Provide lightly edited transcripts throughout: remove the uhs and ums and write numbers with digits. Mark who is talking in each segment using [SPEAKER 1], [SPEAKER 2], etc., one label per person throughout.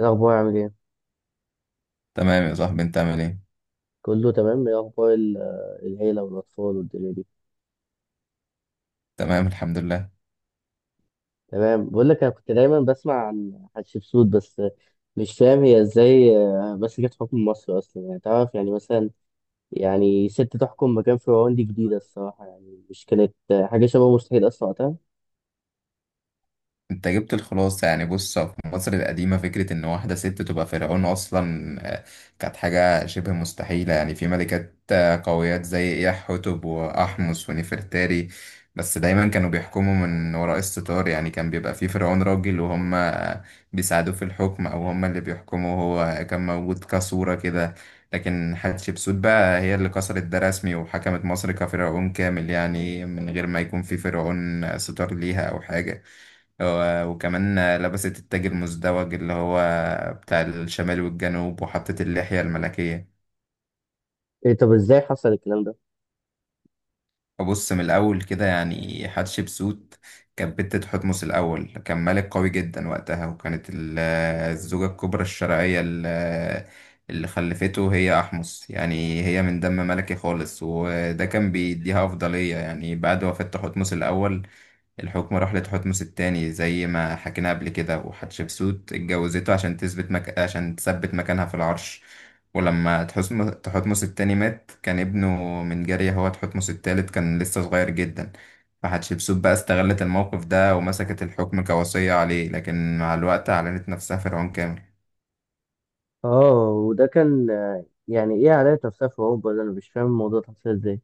[SPEAKER 1] إيه الأخبار عامل إيه؟
[SPEAKER 2] تمام يا صاحبي، انت عامل ايه؟
[SPEAKER 1] كله تمام، إيه أخبار العيلة والأطفال والدنيا دي؟
[SPEAKER 2] تمام، الحمد لله.
[SPEAKER 1] تمام، بقول لك أنا كنت دايما بسمع عن حتشبسوت، بس مش فاهم هي إزاي مسكت حكم مصر أصلا. يعني تعرف، يعني مثلا، يعني ست تحكم مكان فرعون دي جديدة الصراحة، يعني مش كانت حاجة شبه مستحيل أصلا وقتها.
[SPEAKER 2] انت جبت الخلاصة، يعني بص، في مصر القديمة فكرة ان واحدة ست تبقى فرعون اصلا كانت حاجة شبه مستحيلة. يعني في ملكات قويات زي إياحتب وأحمس ونفرتاري، بس دايما كانوا بيحكموا من وراء الستار. يعني كان بيبقى في فرعون راجل وهم بيساعدوه في الحكم او هم اللي بيحكموا، هو كان موجود كصورة كده. لكن حتشبسوت بقى هي اللي كسرت ده رسمي وحكمت مصر كفرعون كامل، يعني من غير ما يكون في فرعون ستار ليها او حاجة. وكمان لبست التاج المزدوج اللي هو بتاع الشمال والجنوب، وحطت اللحية الملكية.
[SPEAKER 1] إيه طب إزاي حصل الكلام ده؟
[SPEAKER 2] أبص من الأول كده، يعني حتشبسوت كانت بنت تحتمس الأول. كان ملك قوي جدا وقتها، وكانت الزوجة الكبرى الشرعية اللي خلفته هي أحمس، يعني هي من دم ملكي خالص وده كان بيديها أفضلية. يعني بعد وفاة تحتمس الأول، الحكم راح لتحتمس التاني زي ما حكينا قبل كده، وحتشبسوت اتجوزته عشان تثبت مكانها في العرش. ولما تحتمس التاني مات، كان ابنه من جارية هو تحتمس التالت، كان لسه صغير جدا. فحتشبسوت بقى استغلت الموقف ده ومسكت الحكم كوصية عليه، لكن مع الوقت أعلنت نفسها فرعون كامل.
[SPEAKER 1] وده كان يعني إيه عليها نفسها في أوروبا؟ ده أنا مش فاهم الموضوع ده حصل إزاي؟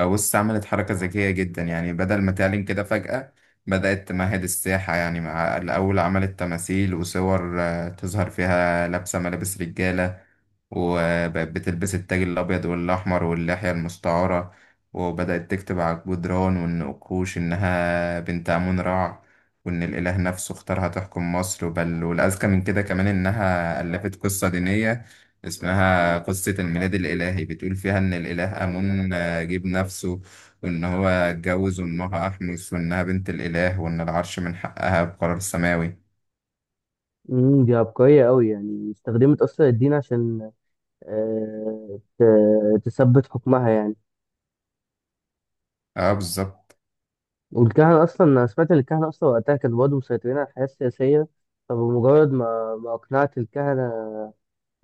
[SPEAKER 2] بص، عملت حركة ذكية جدا، يعني بدل ما تعلن كده فجأة بدأت تمهد الساحة. يعني مع الأول عملت تماثيل وصور تظهر فيها لابسة ملابس رجالة، وبقت بتلبس التاج الأبيض والأحمر واللحية المستعارة. وبدأت تكتب على الجدران والنقوش إنها بنت آمون رع، وإن الإله نفسه اختارها تحكم مصر. بل والأذكى من كده كمان إنها ألفت قصة دينية اسمها قصة الميلاد الإلهي، بتقول فيها إن الإله آمون جاب نفسه، وإن هو اتجوز وإمها أحمس، وإنها بنت الإله، وإن العرش من حقها بقرار سماوي.
[SPEAKER 1] دي عبقرية أوي، يعني استخدمت أصلا الدين عشان تثبت حكمها يعني.
[SPEAKER 2] اه، بالظبط.
[SPEAKER 1] والكهنة أصلا، أنا سمعت إن الكهنة أصلا وقتها كانوا برضه مسيطرين على الحياة السياسية. فبمجرد ما أقنعت الكهنة،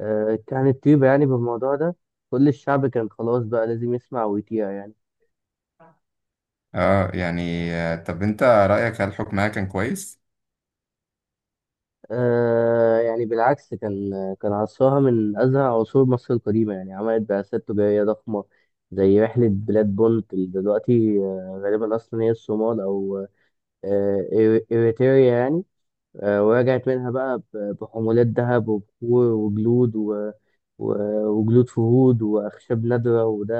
[SPEAKER 1] كهنة طيبة يعني، بالموضوع ده، كل الشعب كان خلاص بقى لازم يسمع ويطيع يعني.
[SPEAKER 2] اه يعني، طب انت رأيك هل حكمها كان كويس؟
[SPEAKER 1] آه، يعني بالعكس، كان عصرها من أزهى عصور مصر القديمة. يعني عملت بعثات تجارية ضخمة زي رحلة بلاد بونت، اللي دلوقتي غالبا أصلا هي الصومال أو آه، إيريتريا يعني. ورجعت منها بقى بحمولات ذهب وبخور وجلود و... وجلود فهود وأخشاب نادرة، وده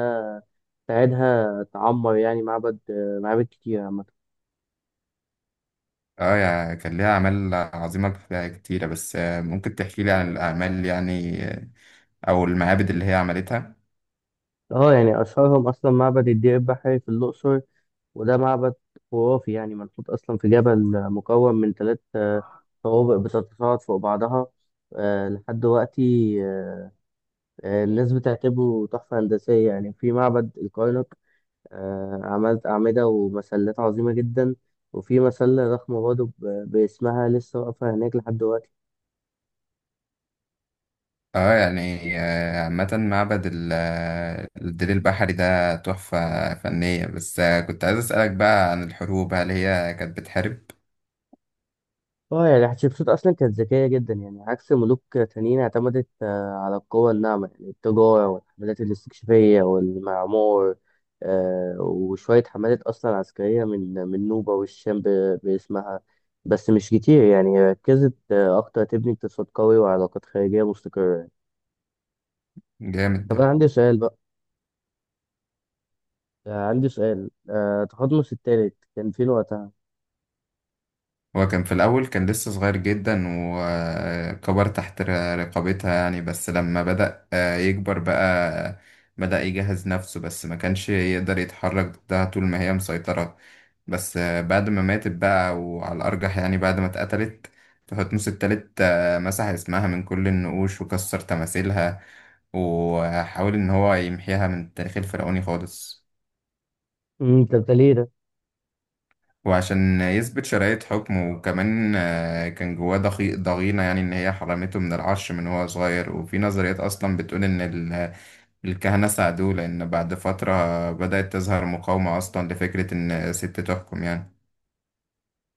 [SPEAKER 1] ساعدها تعمر يعني معبد آه، معابد كتير عامة.
[SPEAKER 2] اه يعني كان ليها أعمال عظيمة كتيرة، بس ممكن تحكي لي عن الأعمال، يعني أو المعابد اللي هي عملتها؟
[SPEAKER 1] اه يعني أشهرهم أصلا معبد الدير البحري في الأقصر. وده معبد خرافي، يعني منحوت أصلا في جبل، مكون من ثلاث طوابق بتتصاعد فوق بعضها لحد دلوقتي. آه، الناس بتعتبره تحفة هندسية يعني. في معبد الكرنك عملت أعمدة ومسلات عظيمة جدا، وفي مسلة ضخمة برضه باسمها لسه واقفة هناك لحد دلوقتي.
[SPEAKER 2] اه يعني، عامة معبد الدليل البحري ده تحفة فنية. بس كنت عايز أسألك بقى عن الحروب، هل هي كانت بتحارب؟
[SPEAKER 1] اه يعني حتشبسوت أصلا كانت ذكية جدا، يعني عكس ملوك تانيين اعتمدت على القوة الناعمة، يعني التجارة والحملات الاستكشافية والمعمار. وشوية حملات أصلا عسكرية من نوبة والشام باسمها. بس مش كتير، يعني ركزت أكتر تبني اقتصاد قوي وعلاقات خارجية مستقرة. طب أنا
[SPEAKER 2] جامد.
[SPEAKER 1] عندي سؤال بقى، عندي سؤال، تقدمس التالت كان فين وقتها؟
[SPEAKER 2] هو كان في الأول كان لسه صغير جدا، وكبر تحت رقابتها يعني، بس لما بدأ يكبر بقى بدأ يجهز نفسه، بس ما كانش يقدر يتحرك ضدها طول ما هي مسيطرة. بس بعد ما ماتت بقى، وعلى الأرجح يعني بعد ما اتقتلت، تحتمس التالت مسح اسمها من كل النقوش وكسر تماثيلها، وحاول إن هو يمحيها من التاريخ الفرعوني خالص.
[SPEAKER 1] طب ده ليه ده؟
[SPEAKER 2] وعشان يثبت شرعية حكمه، وكمان كان جواه ضغينة، يعني إن هي حرمته من العرش من هو صغير. وفي نظريات أصلا بتقول إن الكهنة ساعدوه، لأن بعد فترة بدأت تظهر مقاومة أصلا لفكرة إن ست تحكم يعني.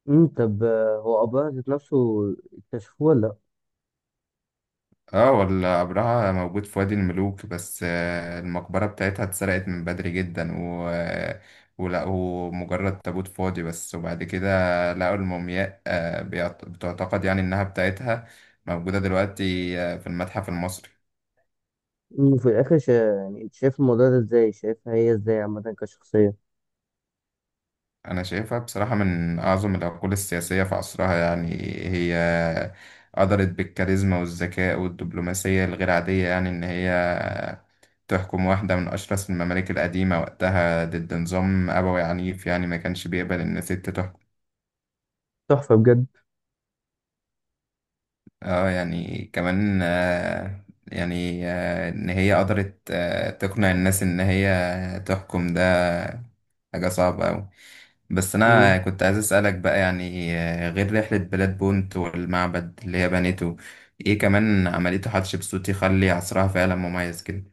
[SPEAKER 1] طب هو أبوها ذات نفسه اكتشفوه ولا لأ؟
[SPEAKER 2] اه، ولا قبرها موجود في وادي الملوك، بس المقبرة بتاعتها اتسرقت من بدري جدا ولقوا مجرد تابوت فاضي بس، وبعد كده لقوا المومياء. بتعتقد يعني إنها بتاعتها موجودة دلوقتي في المتحف المصري.
[SPEAKER 1] في الآخر يعني أنت شايف الموضوع ده إزاي؟ شايفها هي إزاي عامة كشخصية؟
[SPEAKER 2] أنا شايفها بصراحة من أعظم العقول السياسية في عصرها، يعني هي قدرت بالكاريزما والذكاء والدبلوماسية الغير عادية، يعني إن هي تحكم واحدة من أشرس الممالك القديمة وقتها ضد نظام أبوي عنيف، يعني ما كانش بيقبل إن ست تحكم.
[SPEAKER 1] تحفة بجد.
[SPEAKER 2] اه يعني كمان، إن هي قدرت تقنع الناس إن هي تحكم، ده حاجة صعبة أوي. بس أنا كنت عايز أسألك بقى، يعني غير رحلة بلاد بونت والمعبد اللي هي بنيته، إيه كمان عملته حتشبسوت يخلي عصرها فعلا مميز كده؟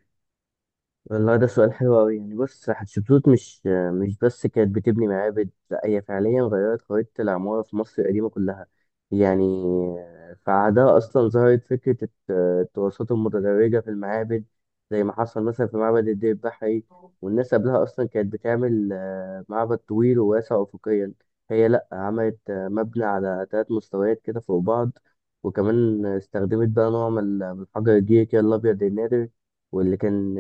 [SPEAKER 1] والله ده سؤال حلو أوي. يعني بص، حتشبسوت مش بس كانت بتبني معابد، لا، هي فعليا غيرت خريطة العمارة في مصر القديمة كلها. يعني في عهدها أصلا ظهرت فكرة التراثات المتدرجة في المعابد، زي ما حصل مثلا في معبد الدير البحري. والناس قبلها أصلا كانت بتعمل معبد طويل وواسع أفقيا. هي لأ، عملت مبنى على تلات مستويات كده فوق بعض. وكمان استخدمت بقى نوع من حجر الجيري كده الأبيض النادر، واللي كان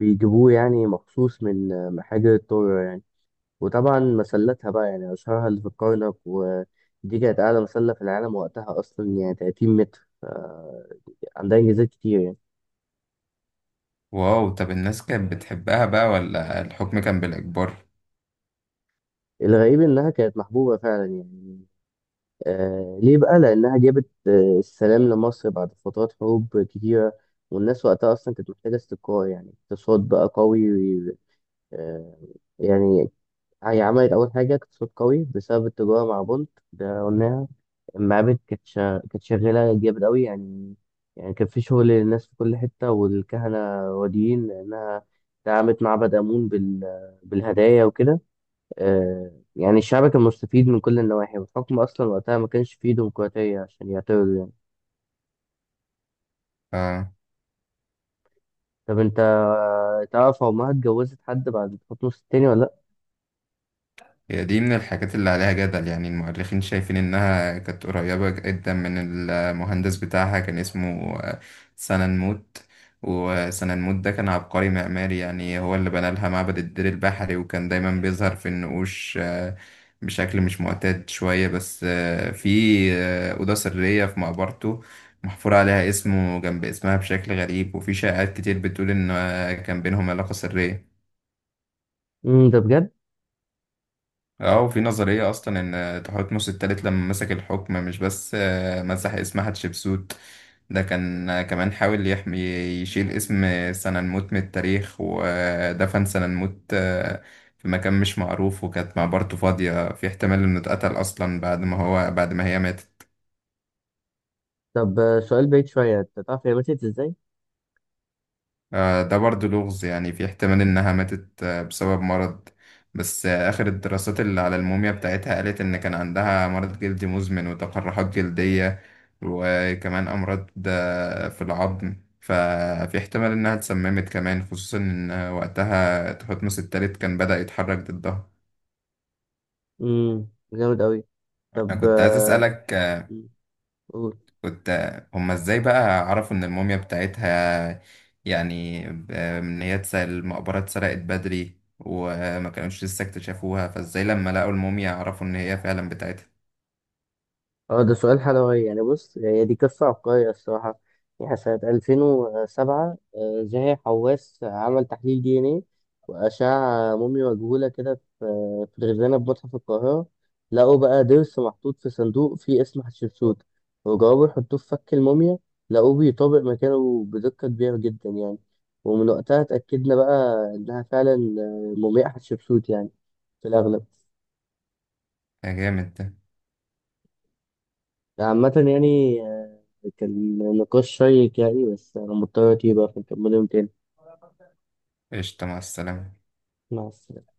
[SPEAKER 1] بيجيبوه يعني مخصوص من حجر الطور يعني. وطبعا مسلاتها بقى، يعني أشهرها اللي في الكرنك، ودي كانت أعلى مسلة في العالم وقتها أصلا، يعني 30 متر. عندها إنجازات كتير يعني.
[SPEAKER 2] واو، طب الناس كانت بتحبها بقى ولا الحكم كان بالإجبار؟
[SPEAKER 1] الغريب إنها كانت محبوبة فعلا يعني. آه ليه بقى؟ لأنها جابت السلام لمصر بعد فترات حروب كتيرة، والناس وقتها أصلا كانت محتاجة استقرار، يعني اقتصاد بقى قوي. آه، يعني هي عملت أول حاجة اقتصاد قوي بسبب التجارة مع بونت، ده قلناها. المعابد كانت كانت شغالة جامد أوي يعني. يعني كان في شغل للناس في كل حتة، والكهنة راضيين لأنها دعمت معبد آمون بالهدايا وكده. يعني الشعب كان مستفيد من كل النواحي، والحكم أصلا وقتها ما كانش فيه ديمقراطية عشان يعترضوا يعني.
[SPEAKER 2] آه.
[SPEAKER 1] طب أنت تعرف أمها اتجوزت حد بعد حكم الستيني ولا لأ؟
[SPEAKER 2] هي دي من الحاجات اللي عليها جدل، يعني المؤرخين شايفين إنها كانت قريبة جدا من المهندس بتاعها. كان اسمه سننموت، وسننموت ده كان عبقري معماري، يعني هو اللي بنى لها معبد الدير البحري، وكان دايما بيظهر في النقوش بشكل مش معتاد شوية. بس آه، في آه، أوضة سرية في مقبرته محفور عليها اسمه جنب اسمها بشكل غريب، وفي شائعات كتير بتقول إن كان بينهم علاقة سرية.
[SPEAKER 1] مم، ده بجد؟
[SPEAKER 2] اه، وفي نظرية أصلا إن تحتمس التالت لما مسك الحكم مش بس مسح اسم حتشبسوت، ده كان كمان حاول يشيل اسم سننموت من التاريخ، ودفن سننموت في مقام مش معروف، وكانت مقبرته فاضية. في احتمال إنه اتقتل أصلا بعد ما هو بعد ما هي ماتت.
[SPEAKER 1] طب سؤال بعيد شوية، أنت تعرف هي ماتت إزاي؟
[SPEAKER 2] ده برضو لغز، يعني في احتمال إنها ماتت بسبب مرض، بس آخر الدراسات اللي على الموميا بتاعتها قالت إن كان عندها مرض جلدي مزمن وتقرحات جلدية، وكمان أمراض في العظم. ففي احتمال إنها اتسممت كمان، خصوصا إن وقتها تحتمس التالت كان بدأ يتحرك ضدها.
[SPEAKER 1] مم، جامد أوي.
[SPEAKER 2] أنا
[SPEAKER 1] طب
[SPEAKER 2] كنت عايز أسألك،
[SPEAKER 1] مم، قول.
[SPEAKER 2] كنت هما ازاي بقى عرفوا ان الموميا بتاعتها، يعني المقبرة اتسرقت بدري وما كانوش لسه اكتشفوها، فازاي لما لقوا الموميا عرفوا ان هي فعلا بتاعتها؟
[SPEAKER 1] اه ده سؤال حلوي. يعني بص، هي دي قصة عبقرية الصراحة. يعني سنة 2007 زاهي حواس عمل تحليل دي ان ايه وأشعة موميا مجهولة كده في الخزانة في متحف القاهرة. لقوا بقى ضرس محطوط في صندوق فيه اسم حتشبسوت، وجربوا يحطوه في فك الموميا، لقوه بيطابق مكانه بدقة كبيرة جدا يعني. ومن وقتها اتأكدنا بقى إنها فعلا مومياء حتشبسوت يعني، في الأغلب.
[SPEAKER 2] يا جامد ده.
[SPEAKER 1] عامة يعني كان نقاش شيق يعني، بس أنا مضطر أتيه بقى، فنكمله يوم تاني.
[SPEAKER 2] قشطة، مع السلامة.
[SPEAKER 1] مع السلامة.